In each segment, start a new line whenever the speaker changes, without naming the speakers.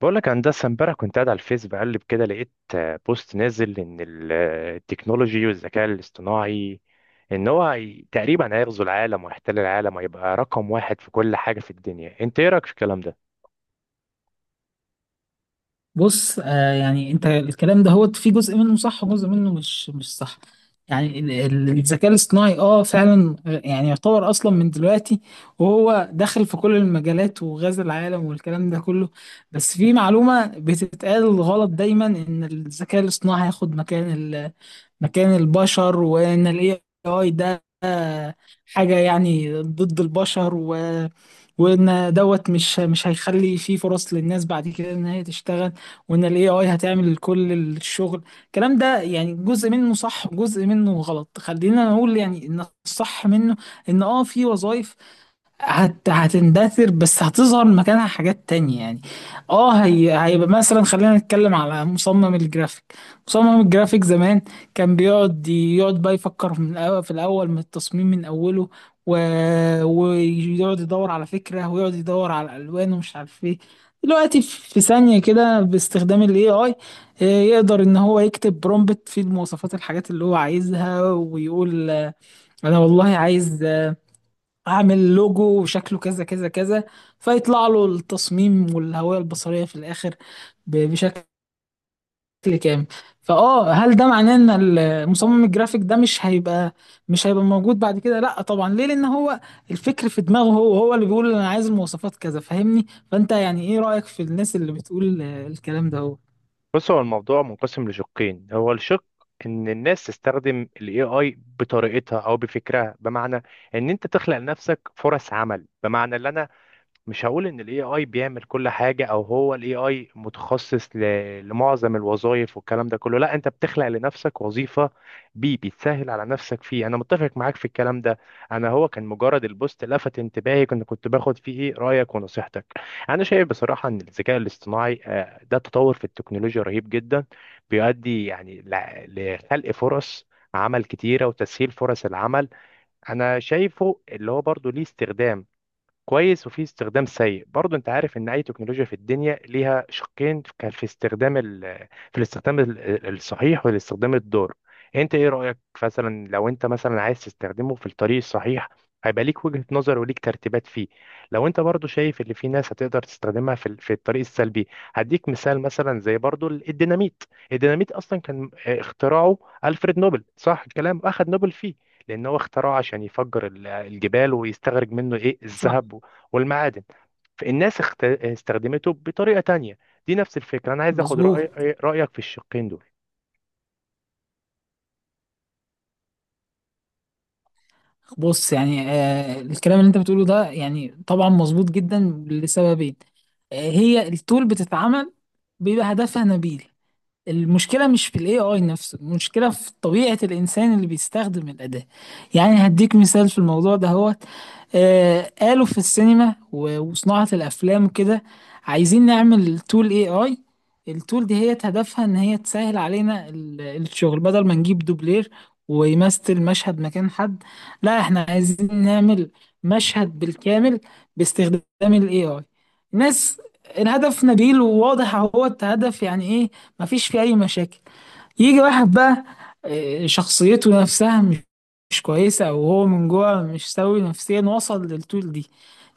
بقول لك هندسة، امبارح كنت قاعد على الفيس بقلب كده، لقيت بوست نازل ان التكنولوجي والذكاء الاصطناعي، ان تقريبا هيغزو العالم ويحتل العالم ويبقى رقم واحد في كل حاجة في الدنيا. انت ايه رأيك في الكلام ده؟
بص، يعني انت الكلام ده هو في جزء منه صح وجزء منه مش صح. يعني الذكاء الاصطناعي فعلا، يعني يعتبر اصلا من دلوقتي، وهو داخل في كل المجالات وغزا العالم والكلام ده كله. بس في معلومة بتتقال غلط دايما ان الذكاء الاصطناعي هياخد مكان البشر، وان الاي اي ده حاجة يعني ضد البشر وان دوت مش هيخلي فيه فرص للناس بعد كده ان هي تشتغل، وان الاي اي هتعمل كل الشغل. الكلام ده يعني جزء منه صح وجزء منه غلط. خلينا نقول يعني ان الصح منه ان في وظائف هتندثر، بس هتظهر مكانها حاجات تانية. يعني هيبقى مثلا خلينا نتكلم على مصمم الجرافيك. مصمم الجرافيك زمان كان يقعد بقى يفكر من الأول في الأول من التصميم من أوله، و... ويقعد يدور على فكرة، ويقعد يدور على الألوان، ومش عارف ايه. دلوقتي في ثانية كده باستخدام ال AI، إيه، آي آه، يقدر إن هو يكتب برومبت فيه المواصفات الحاجات اللي هو عايزها، ويقول أنا والله عايز اعمل لوجو وشكله كذا كذا كذا، فيطلع له التصميم والهوية البصرية في الاخر بشكل كامل. فاه، هل ده معناه ان المصمم الجرافيك ده مش هيبقى موجود بعد كده؟ لا طبعا، ليه؟ لان هو الفكر في دماغه، هو هو اللي بيقول انا عايز المواصفات كذا، فاهمني؟ فانت يعني ايه رأيك في الناس اللي بتقول الكلام ده هو
بص، هو الموضوع منقسم لشقين. هو الشق ان الناس تستخدم ال AI بطريقتها او بفكرها، بمعنى ان انت تخلق لنفسك فرص عمل. بمعنى ان انا مش هقول ان الاي اي بيعمل كل حاجه، او هو الاي اي متخصص لمعظم الوظائف والكلام ده كله. لا، انت بتخلق لنفسك وظيفه بيه، بتسهل على نفسك فيه. انا متفق معاك في الكلام ده. انا هو كان مجرد البوست لفت انتباهي، كنت باخد فيه إيه؟ رايك ونصيحتك. انا شايف بصراحه ان الذكاء الاصطناعي ده تطور في التكنولوجيا رهيب جدا، بيؤدي يعني لخلق فرص عمل كتيره وتسهيل فرص العمل. انا شايفه اللي هو برضه ليه استخدام كويس، وفي استخدام سيء برضو. انت عارف ان اي تكنولوجيا في الدنيا ليها شقين. كان في استخدام في الاستخدام الصحيح والاستخدام الضار. انت ايه رأيك؟ مثلا لو انت مثلا عايز تستخدمه في الطريق الصحيح، هيبقى ليك وجهة نظر وليك ترتيبات فيه. لو انت برضو شايف ان في ناس هتقدر تستخدمها في في الطريق السلبي، هديك مثال. مثلا زي برضو الديناميت. الديناميت اصلا كان اختراعه ألفريد نوبل، صح الكلام، اخذ نوبل فيه لأن هو اخترعه عشان يفجر الجبال ويستخرج منه إيه
صح؟
الذهب والمعادن. فالناس استخدمته بطريقة تانية. دي نفس الفكرة، أنا عايز أخد
مظبوط.
رأيك في الشقين دول.
بص يعني الكلام اللي انت بتقوله ده يعني طبعا مظبوط جدا لسببين. هي التول بتتعمل بيبقى هدفها نبيل. المشكلة مش في الاي اي نفسه، المشكلة في طبيعة الانسان اللي بيستخدم الأداة. يعني هديك مثال في الموضوع ده هو، قالوا في السينما وصناعة الافلام وكده: عايزين نعمل تول اي اي. التول دي هي هدفها ان هي تسهل علينا الشغل، بدل ما نجيب دوبلير ويمثل مشهد مكان حد. لا، احنا عايزين نعمل مشهد بالكامل باستخدام الاي اي. ناس، الهدف نبيل وواضح اهو، هدف يعني إيه؟ مفيش فيه أي مشاكل. يجي واحد بقى شخصيته نفسها مش كويسة، أو هو من جوه مش سوي نفسيا، وصل للطول دي.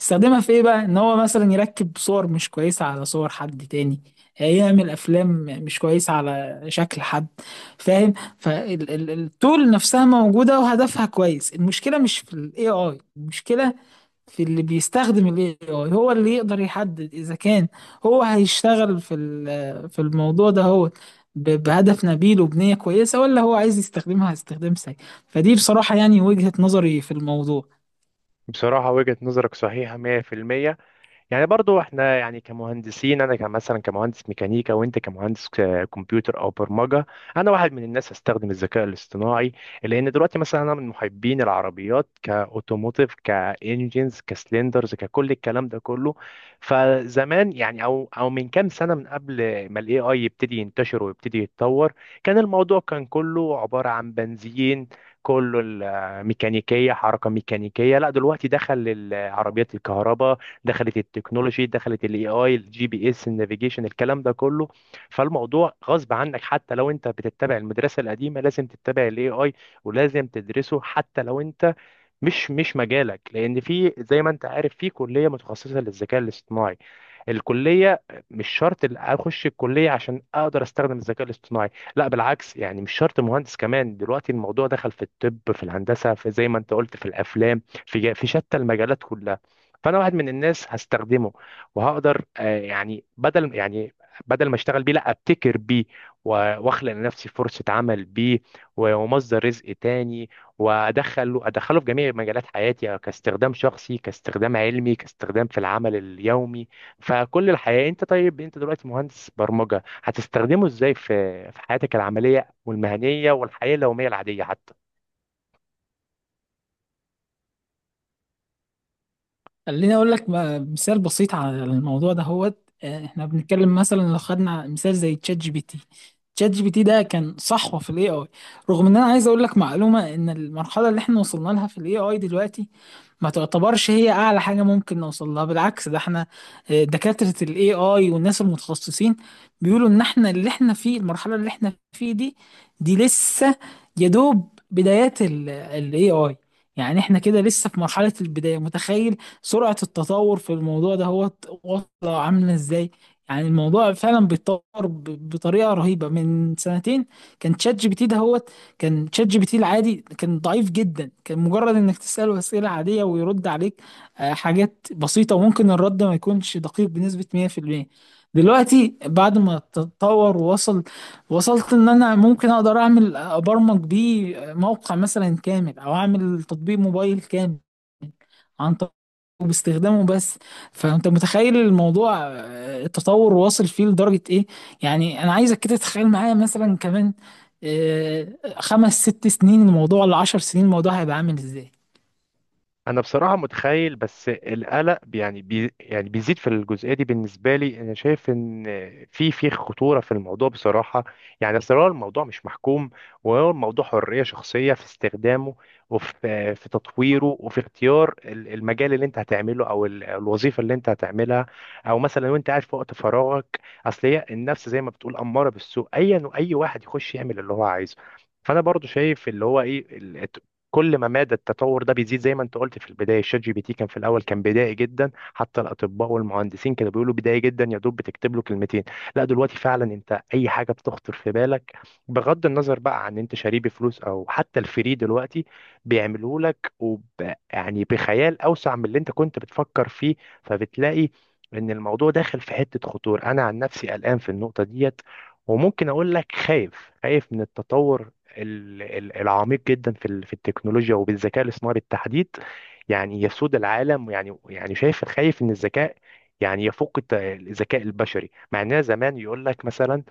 استخدمها في إيه بقى؟ إن هو مثلا يركب صور مش كويسة على صور حد تاني، يعمل أفلام مش كويسة على شكل حد، فاهم؟ فالطول نفسها موجودة وهدفها كويس، المشكلة مش في ال AI، المشكلة في اللي بيستخدم ال AI. هو اللي يقدر يحدد إذا كان هو هيشتغل في في الموضوع ده هو بهدف نبيل وبنية كويسة، ولا هو عايز يستخدمها استخدام سيء. فدي بصراحة يعني وجهة نظري في الموضوع.
بصراحة وجهة نظرك صحيحة 100%. يعني برضو احنا يعني كمهندسين، انا كمثلا كمهندس ميكانيكا، وانت كمهندس كمبيوتر او برمجه. انا واحد من الناس هستخدم الذكاء الاصطناعي، لان دلوقتي مثلا انا من محبين العربيات، كاوتوموتيف، كانجينز، كسلندرز، ككل الكلام ده كله. فزمان يعني او من كام سنه، من قبل ما الاي اي يبتدي ينتشر ويبتدي يتطور، كان الموضوع كان كله عباره عن بنزين، كله الميكانيكيه، حركه ميكانيكيه. لا دلوقتي دخل العربيات الكهرباء، دخلت التكنولوجي، دخلت الاي اي، الجي بي اس، النافيجيشن، الكلام ده كله. فالموضوع غصب عنك، حتى لو انت بتتبع المدرسه القديمه لازم تتبع الاي اي، ولازم تدرسه، حتى لو انت مش مجالك، لان في، زي ما انت عارف، في كليه متخصصه للذكاء الاصطناعي، الكليه. مش شرط اخش الكليه عشان اقدر استخدم الذكاء الاصطناعي. لا بالعكس، يعني مش شرط مهندس كمان، دلوقتي الموضوع دخل في الطب، في الهندسه، في زي ما انت قلت في الافلام، في في شتى المجالات كلها. فانا واحد من الناس هستخدمه، وهقدر يعني بدل ما اشتغل بيه لا ابتكر بيه، واخلق لنفسي فرصه عمل بيه، ومصدر رزق تاني، وادخله، ادخله في جميع مجالات حياتي، كاستخدام شخصي، كاستخدام علمي، كاستخدام في العمل اليومي، فكل الحياة. انت طيب، انت دلوقتي مهندس برمجة، هتستخدمه ازاي في حياتك العملية والمهنية والحياة اليومية العادية حتى؟
خليني أقول لك مثال بسيط على الموضوع ده هو، إحنا بنتكلم مثلا لو خدنا مثال زي تشات جي بي تي. تشات جي بي تي ده كان صحوة في ال AI، رغم إن أنا عايز أقول لك معلومة إن المرحلة اللي إحنا وصلنا لها في ال AI دلوقتي ما تعتبرش هي اعلى حاجه ممكن نوصل لها. بالعكس، ده احنا دكاتره الاي اي والناس المتخصصين بيقولوا ان احنا اللي احنا فيه، المرحله اللي احنا فيه دي، لسه يا دوب بدايات الاي اي. يعني احنا كده لسه في مرحله البدايه. متخيل سرعه التطور في الموضوع ده هو واصله عامله ازاي؟ يعني الموضوع فعلا بيتطور بطريقه رهيبه. من سنتين كان تشات جي بي تي ده هو، كان شات جي بي تي العادي، كان ضعيف جدا، كان مجرد انك تسأله أسئلة عادية ويرد عليك حاجات بسيطة، وممكن الرد ما يكونش دقيق بنسبة 100%. دلوقتي بعد ما تطور وصلت ان انا ممكن اقدر ابرمج بيه موقع مثلا كامل، او اعمل تطبيق موبايل كامل عن طريق باستخدامه بس. فانت متخيل الموضوع التطور واصل فيه لدرجة ايه؟ يعني انا عايزك كده تتخيل معايا مثلا كمان آه، خمس ست سنين الموضوع، لعشر سنين الموضوع هيبقى عامل ازاي؟
انا بصراحه متخيل، بس القلق يعني بي يعني بيزيد في الجزئيه دي. بالنسبه لي انا شايف ان في خطوره في الموضوع بصراحه. يعني اصل هو الموضوع مش محكوم، وهو الموضوع حريه شخصيه في استخدامه، وفي تطويره، وفي اختيار المجال اللي انت هتعمله، او الوظيفه اللي انت هتعملها، او مثلا لو انت قاعد في وقت فراغك. اصل هي النفس، زي ما بتقول، اماره بالسوء، ايا واي واحد يخش يعمل اللي هو عايزه. فانا برضو شايف اللي هو ايه، كل ما مدى التطور ده بيزيد. زي ما انت قلت في البدايه، الشات جي بي تي كان في الاول كان بدائي جدا، حتى الاطباء والمهندسين كانوا بيقولوا بدائي جدا، يا دوب بتكتب له كلمتين. لا دلوقتي فعلا انت اي حاجه بتخطر في بالك، بغض النظر بقى عن انت شاريه بفلوس او حتى الفري، دلوقتي بيعملوه لك يعني بخيال اوسع من اللي انت كنت بتفكر فيه. فبتلاقي ان الموضوع داخل في حته خطور. انا عن نفسي قلقان في النقطه ديت، وممكن اقول لك خايف، خايف من التطور العميق جدا في في التكنولوجيا وبالذكاء الاصطناعي بالتحديد، يعني يسود العالم. يعني يعني شايف خايف ان الذكاء يعني يفوق الذكاء البشري، مع اننا زمان يقول لك مثلا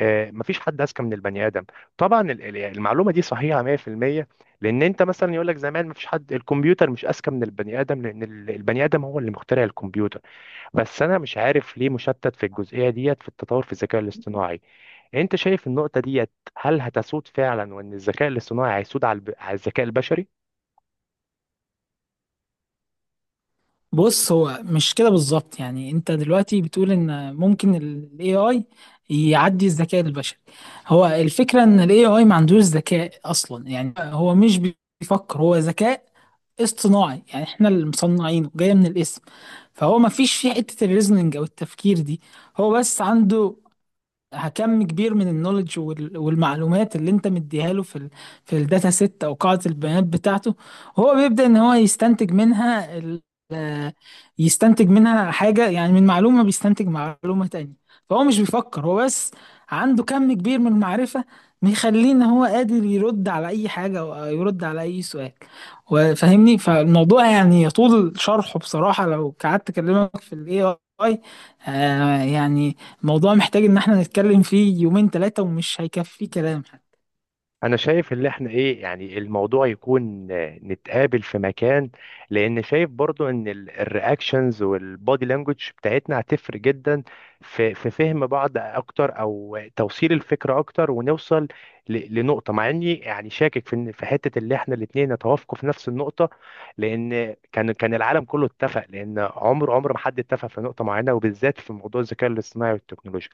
مفيش حد اذكى من البني ادم. طبعا المعلومه دي صحيحه 100%، لان انت مثلا يقول لك زمان مفيش حد، الكمبيوتر مش اذكى من البني ادم، لان البني ادم هو اللي مخترع الكمبيوتر. بس انا مش عارف ليه مشتت في الجزئيه ديت، في التطور في الذكاء الاصطناعي. انت شايف النقطه ديت، هل هتسود فعلا؟ وان الذكاء الاصطناعي هيسود على على الذكاء البشري.
بص هو مش كده بالظبط، يعني انت دلوقتي بتقول ان ممكن ال AI يعدي الذكاء البشري. هو الفكرة ان ال AI ما عندوش ذكاء اصلا، يعني هو مش بيفكر. هو ذكاء اصطناعي، يعني احنا اللي مصنعينه، جاية من الاسم. فهو ما فيش فيه حتة الريزنينج او التفكير دي. هو بس عنده كم كبير من النولج والمعلومات اللي انت مديها له في في الداتا سيت او قاعدة البيانات بتاعته. هو بيبدأ ان هو يستنتج منها آه، حاجة، يعني من معلومة بيستنتج معلومة تانية. فهو مش بيفكر، هو بس عنده كم كبير من المعرفة، مخليه ان هو قادر يرد على اي حاجة او يرد على اي سؤال، وفاهمني. فالموضوع يعني يطول شرحه بصراحة. لو قعدت اكلمك في الاي اي، يعني موضوع محتاج ان احنا نتكلم فيه يومين 3 ومش هيكفي كلام.
انا شايف اللي احنا ايه، يعني الموضوع يكون نتقابل في مكان، لان شايف برضو ان الرياكشنز والبودي لانجوج بتاعتنا هتفرق جدا في فهم بعض اكتر، او توصيل الفكرة اكتر، ونوصل لنقطة، مع اني يعني شاكك في في حتة اللي احنا الاتنين نتوافقوا في نفس النقطة. لان كان العالم كله اتفق، لان عمر ما حد اتفق في نقطة معينة، وبالذات في موضوع الذكاء الاصطناعي والتكنولوجيا.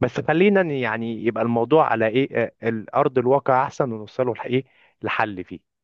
بس خلينا يعني يبقى الموضوع على ايه الارض الواقع احسن، ونوصله لايه لحل فيه.